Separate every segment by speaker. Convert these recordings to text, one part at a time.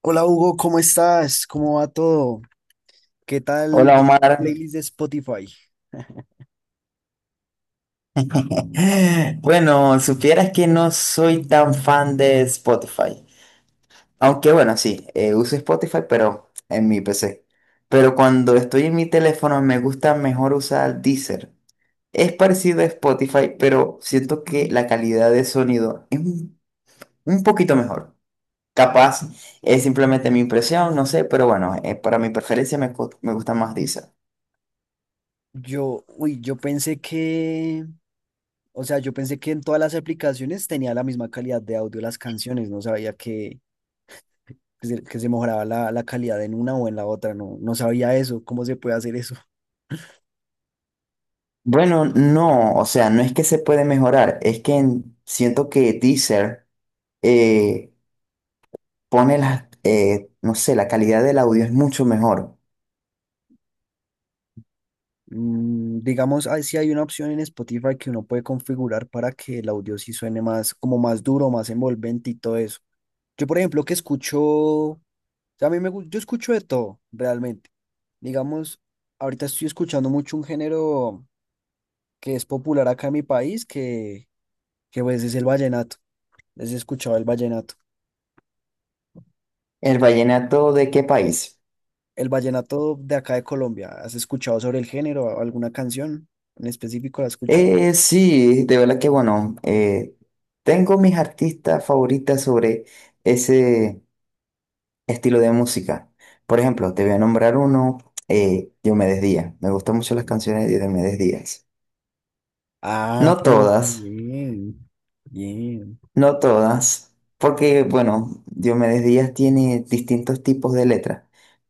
Speaker 1: Hola Hugo, ¿cómo estás? ¿Cómo va todo? ¿Qué tal
Speaker 2: Hola
Speaker 1: esa
Speaker 2: Omar.
Speaker 1: playlist de Spotify?
Speaker 2: Bueno, supieras que no soy tan fan de Spotify. Aunque bueno, sí, uso Spotify, pero en mi PC. Pero cuando estoy en mi teléfono me gusta mejor usar Deezer. Es parecido a Spotify, pero siento que la calidad de sonido es un poquito mejor. Capaz es simplemente mi impresión, no sé, pero bueno, para mi preferencia me gusta más Deezer.
Speaker 1: Yo pensé que, o sea, yo pensé que en todas las aplicaciones tenía la misma calidad de audio las canciones. No sabía que se mejoraba la calidad en una o en la otra. No, no sabía eso. ¿Cómo se puede hacer eso?
Speaker 2: Bueno, no, o sea, no es que se puede mejorar, es que siento que Deezer eh, pone las, no sé, la calidad del audio es mucho mejor.
Speaker 1: Digamos, ah, sí hay una opción en Spotify que uno puede configurar para que el audio sí suene más, como más duro, más envolvente y todo eso. Yo, por ejemplo, que escucho sea, a mí me, gu- yo escucho de todo, realmente. Digamos, ahorita estoy escuchando mucho un género que es popular acá en mi país, que pues es el vallenato. Les he escuchado el vallenato.
Speaker 2: ¿El vallenato de qué país?
Speaker 1: El vallenato de acá de Colombia. ¿Has escuchado sobre el género? ¿Alguna canción en específico la has escuchado?
Speaker 2: Sí, de verdad que bueno, tengo mis artistas favoritas sobre ese estilo de música. Por ejemplo, te voy a nombrar uno, Diomedes Díaz. Me gustan mucho las canciones de Diomedes Díaz.
Speaker 1: Ah,
Speaker 2: No
Speaker 1: pero
Speaker 2: todas.
Speaker 1: bien, bien.
Speaker 2: No todas, porque bueno, Diomedes Díaz tiene distintos tipos de letras,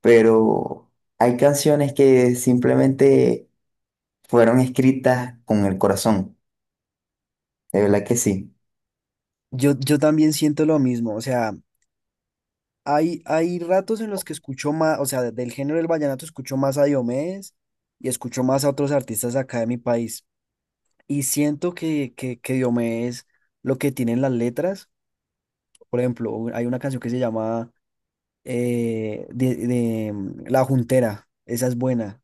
Speaker 2: pero hay canciones que simplemente fueron escritas con el corazón, de verdad que sí.
Speaker 1: Yo también siento lo mismo. O sea, hay ratos en los que escucho más, o sea, del género del vallenato escucho más a Diomedes y escucho más a otros artistas acá de mi país. Y siento que Diomedes, lo que tienen las letras, por ejemplo, hay una canción que se llama La Juntera, esa es buena,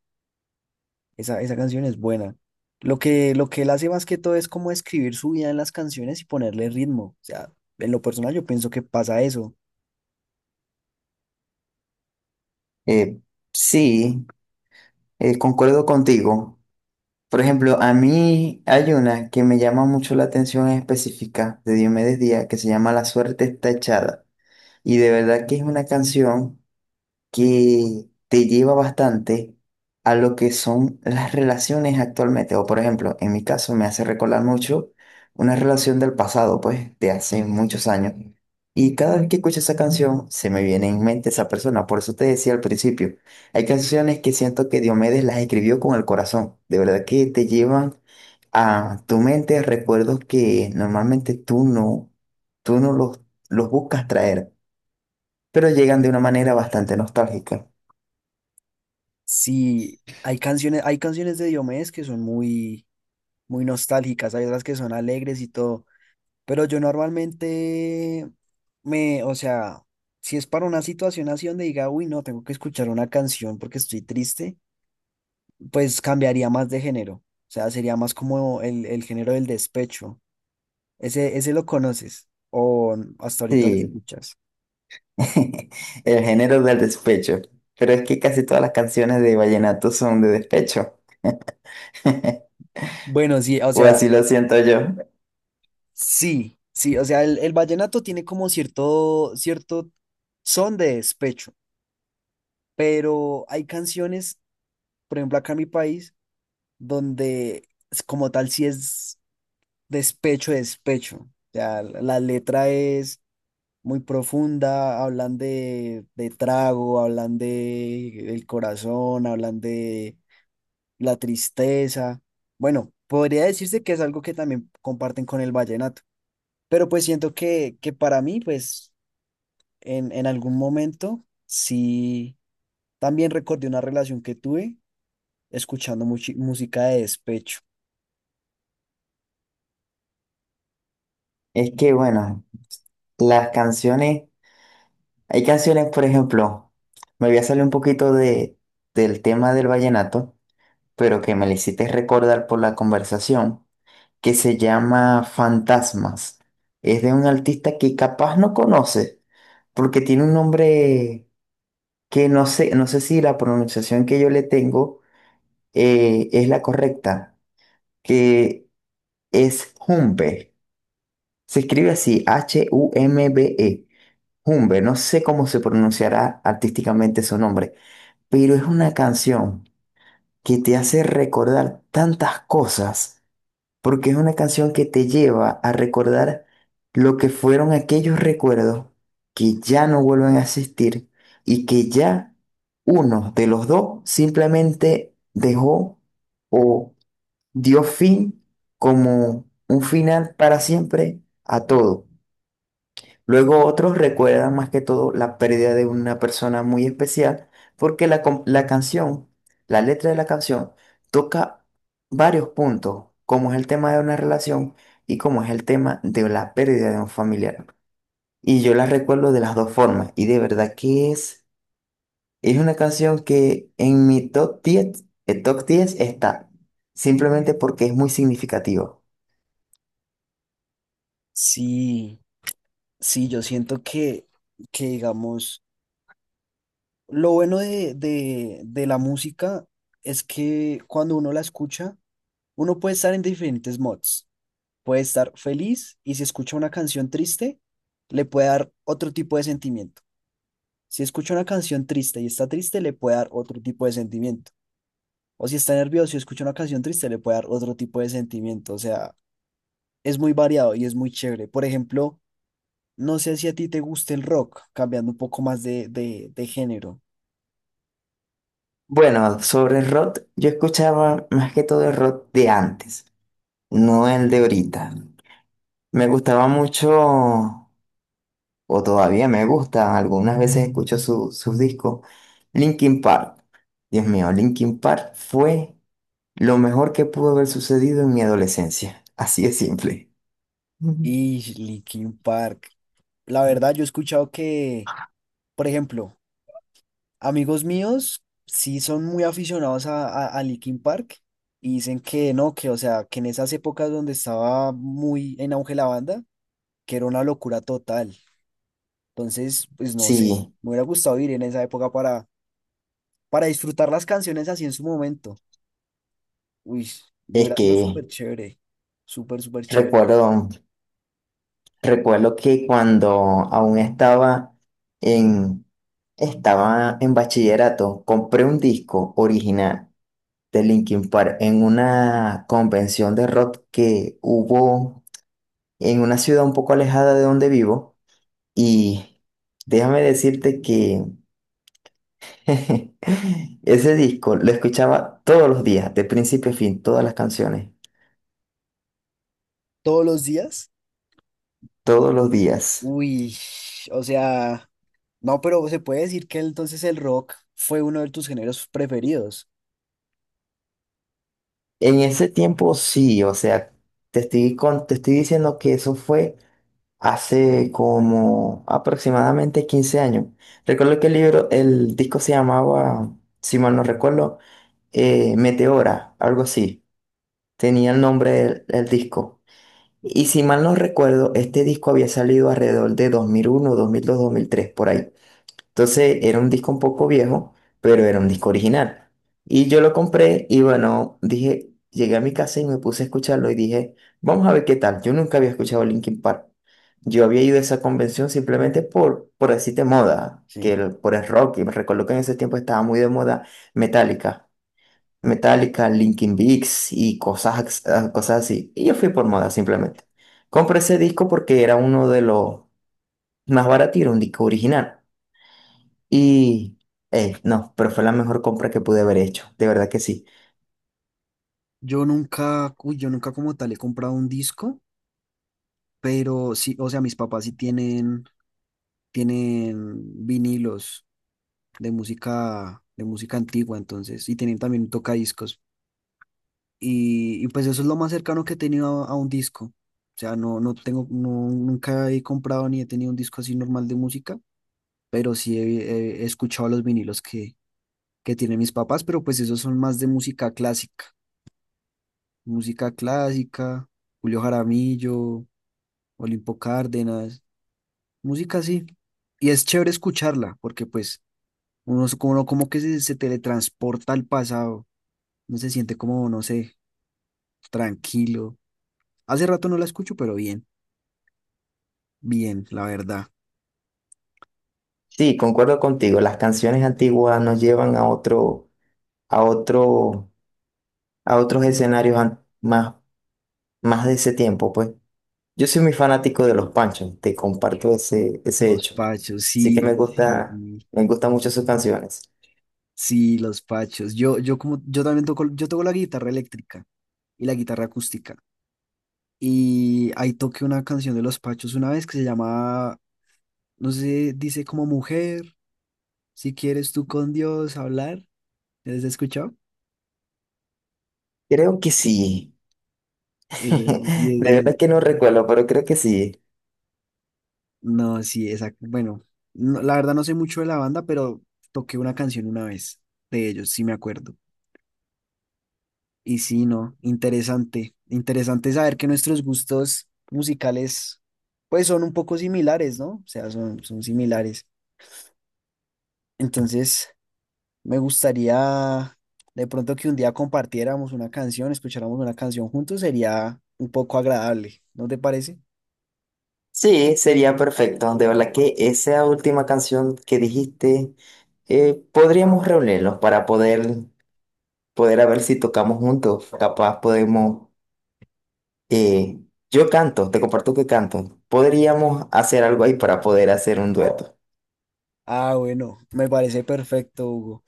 Speaker 1: esa canción es buena. Lo que él hace más que todo es como escribir su vida en las canciones y ponerle ritmo. O sea, en lo personal yo pienso que pasa eso.
Speaker 2: Eh, sí, Concuerdo contigo. Por ejemplo, a mí hay una que me llama mucho la atención en específica de Diomedes Díaz que se llama La suerte está echada. Y de verdad que es una canción que te lleva bastante a lo que son las relaciones actualmente. O por ejemplo, en mi caso me hace recordar mucho una relación del pasado, pues, de hace muchos años. Y cada vez que escucho esa canción, se me viene en mente esa persona. Por eso te decía al principio, hay canciones que siento que Diomedes las escribió con el corazón. De verdad que te llevan a tu mente recuerdos que normalmente tú no los, los buscas traer, pero llegan de una manera bastante nostálgica.
Speaker 1: Sí, hay canciones de Diomedes que son muy, muy nostálgicas. Hay otras que son alegres y todo, pero yo normalmente o sea, si es para una situación así donde diga, uy, no, tengo que escuchar una canción porque estoy triste, pues cambiaría más de género, o sea, sería más como el género del despecho, ese lo conoces o hasta ahorita lo
Speaker 2: Sí,
Speaker 1: escuchas.
Speaker 2: el género del despecho. Pero es que casi todas las canciones de vallenato son de despecho,
Speaker 1: Bueno, sí, o
Speaker 2: o
Speaker 1: sea.
Speaker 2: así lo siento yo.
Speaker 1: Sí, sí, o sea, el vallenato tiene como cierto, cierto son de despecho, pero hay canciones, por ejemplo, acá en mi país, donde es como tal sí es despecho, despecho. O sea, la letra es muy profunda, hablan de trago, hablan de el corazón, hablan de la tristeza. Bueno, podría decirse que es algo que también comparten con el vallenato, pero pues siento que para mí, pues en algún momento sí, también recordé una relación que tuve escuchando música de despecho.
Speaker 2: Es que bueno, las canciones, hay canciones, por ejemplo, me voy a salir un poquito del tema del vallenato, pero que me lo hiciste recordar por la conversación, que se llama Fantasmas. Es de un artista que capaz no conoce, porque tiene un nombre que no sé si la pronunciación que yo le tengo es la correcta, que es Humbe. Se escribe así, Humbe. Humbe, no sé cómo se pronunciará artísticamente su nombre, pero es una canción que te hace recordar tantas cosas, porque es una canción que te lleva a recordar lo que fueron aquellos recuerdos que ya no vuelven a existir y que ya uno de los dos simplemente dejó o dio fin como un final para siempre a todo. Luego otros recuerdan más que todo la pérdida de una persona muy especial porque la canción, la letra de la canción, toca varios puntos, como es el tema de una relación y como es el tema de la pérdida de un familiar. Y yo la recuerdo de las dos formas y de verdad que es una canción que en mi top 10 está, simplemente porque es muy significativa.
Speaker 1: Sí, sí, yo siento que digamos, lo bueno de la música es que cuando uno la escucha, uno puede estar en diferentes mods. Puede estar feliz y si escucha una canción triste, le puede dar otro tipo de sentimiento. Si escucha una canción triste y está triste, le puede dar otro tipo de sentimiento. O si está nervioso y escucha una canción triste, le puede dar otro tipo de sentimiento. O sea, es muy variado y es muy chévere. Por ejemplo, no sé si a ti te gusta el rock, cambiando un poco más de género.
Speaker 2: Bueno, sobre el rock, yo escuchaba más que todo el rock de antes, no el de ahorita. Me gustaba mucho, o todavía me gusta, algunas veces escucho sus discos, Linkin Park. Dios mío, Linkin Park fue lo mejor que pudo haber sucedido en mi adolescencia, así de simple. Ujú.
Speaker 1: Y Linkin Park. La verdad, yo he escuchado que, por ejemplo, amigos míos sí son muy aficionados a Linkin Park y dicen que no, que o sea, que en esas épocas donde estaba muy en auge la banda, que era una locura total. Entonces, pues no sé,
Speaker 2: Sí,
Speaker 1: me hubiera gustado ir en esa época para disfrutar las canciones así en su momento. Uy, yo
Speaker 2: es
Speaker 1: hubiera sido
Speaker 2: que
Speaker 1: súper chévere, súper, súper chévere.
Speaker 2: recuerdo. Recuerdo que cuando aún en, estaba en bachillerato, compré un disco original de Linkin Park en una convención de rock que hubo en una ciudad un poco alejada de donde vivo. Y déjame decirte que ese disco lo escuchaba todos los días, de principio a fin, todas las canciones,
Speaker 1: Todos los días,
Speaker 2: todos los días.
Speaker 1: uy, o sea, no, pero se puede decir que entonces el rock fue uno de tus géneros preferidos.
Speaker 2: En ese tiempo sí, o sea, te estoy diciendo que eso fue hace como aproximadamente 15 años. Recuerdo que el libro, el disco se llamaba, si mal no recuerdo, Meteora, algo así. Tenía el nombre del disco. Y si mal no recuerdo, este disco había salido alrededor de dos mil uno, 2003, por ahí. Entonces era un disco un poco viejo, pero era un disco original. Y yo lo compré y bueno, dije, llegué a mi casa y me puse a escucharlo y dije, vamos a ver qué tal. Yo nunca había escuchado Linkin Park. Yo había ido a esa convención simplemente por decirte moda,
Speaker 1: Sí.
Speaker 2: por el rock. Y me recuerdo que en ese tiempo estaba muy de moda Metallica. Metallica, Linkin Park y cosas así. Y yo fui por moda simplemente. Compré ese disco porque era uno de los más baratos, y era un disco original. Y no, pero fue la mejor compra que pude haber hecho, de verdad que sí.
Speaker 1: Yo nunca como tal he comprado un disco, pero sí, o sea, mis papás sí tienen vinilos de música antigua, entonces, y tienen también un tocadiscos. Y pues eso es lo más cercano que he tenido a un disco. O sea, no, no tengo, no, nunca he comprado ni he tenido un disco así normal de música, pero sí he escuchado los vinilos que tienen mis papás, pero pues esos son más de música clásica. Música clásica, Julio Jaramillo, Olimpo Cárdenas, música así. Y es chévere escucharla, porque pues uno, es como, uno como que se teletransporta al pasado, no se siente como, no sé, tranquilo. Hace rato no la escucho, pero bien. Bien, la verdad.
Speaker 2: Sí, concuerdo contigo, las canciones antiguas nos llevan a otro, a otros escenarios más, más de ese tiempo, pues. Yo soy muy fanático de los Panchos, te comparto ese
Speaker 1: Los
Speaker 2: hecho.
Speaker 1: pachos,
Speaker 2: Así que
Speaker 1: sí, sí,
Speaker 2: me gustan mucho sus canciones.
Speaker 1: sí, los pachos. Yo como, yo también toco, yo toco la guitarra eléctrica y la guitarra acústica. Y ahí toqué una canción de los pachos una vez que se llama, no sé, dice como mujer, si quieres tú con Dios hablar. ¿Has escuchado?
Speaker 2: Creo que sí.
Speaker 1: Esa- sí,
Speaker 2: De verdad que no recuerdo, pero creo que sí.
Speaker 1: no, sí, exacto. Bueno, la verdad no sé mucho de la banda, pero toqué una canción una vez de ellos, sí me acuerdo. Y sí, no, interesante. Interesante saber que nuestros gustos musicales, pues son un poco similares, ¿no? O sea, son similares. Entonces, me gustaría de pronto que un día compartiéramos una canción, escucháramos una canción juntos, sería un poco agradable, ¿no te parece?
Speaker 2: Sí, sería perfecto. De verdad que esa última canción que dijiste, podríamos reunirnos para poder a ver si tocamos juntos. Capaz podemos, eh, yo canto, te comparto que canto. Podríamos hacer algo ahí para poder hacer un dueto.
Speaker 1: Ah, bueno, me parece perfecto, Hugo.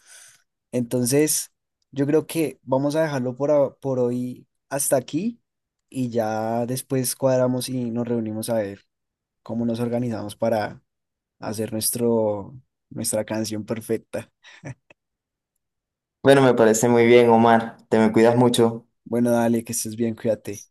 Speaker 1: Entonces, yo creo que vamos a dejarlo por hoy hasta aquí y ya después cuadramos y nos reunimos a ver cómo nos organizamos para hacer nuestra canción perfecta.
Speaker 2: Bueno, me parece muy bien, Omar. Te me cuidas mucho.
Speaker 1: Bueno, dale, que estés bien, cuídate.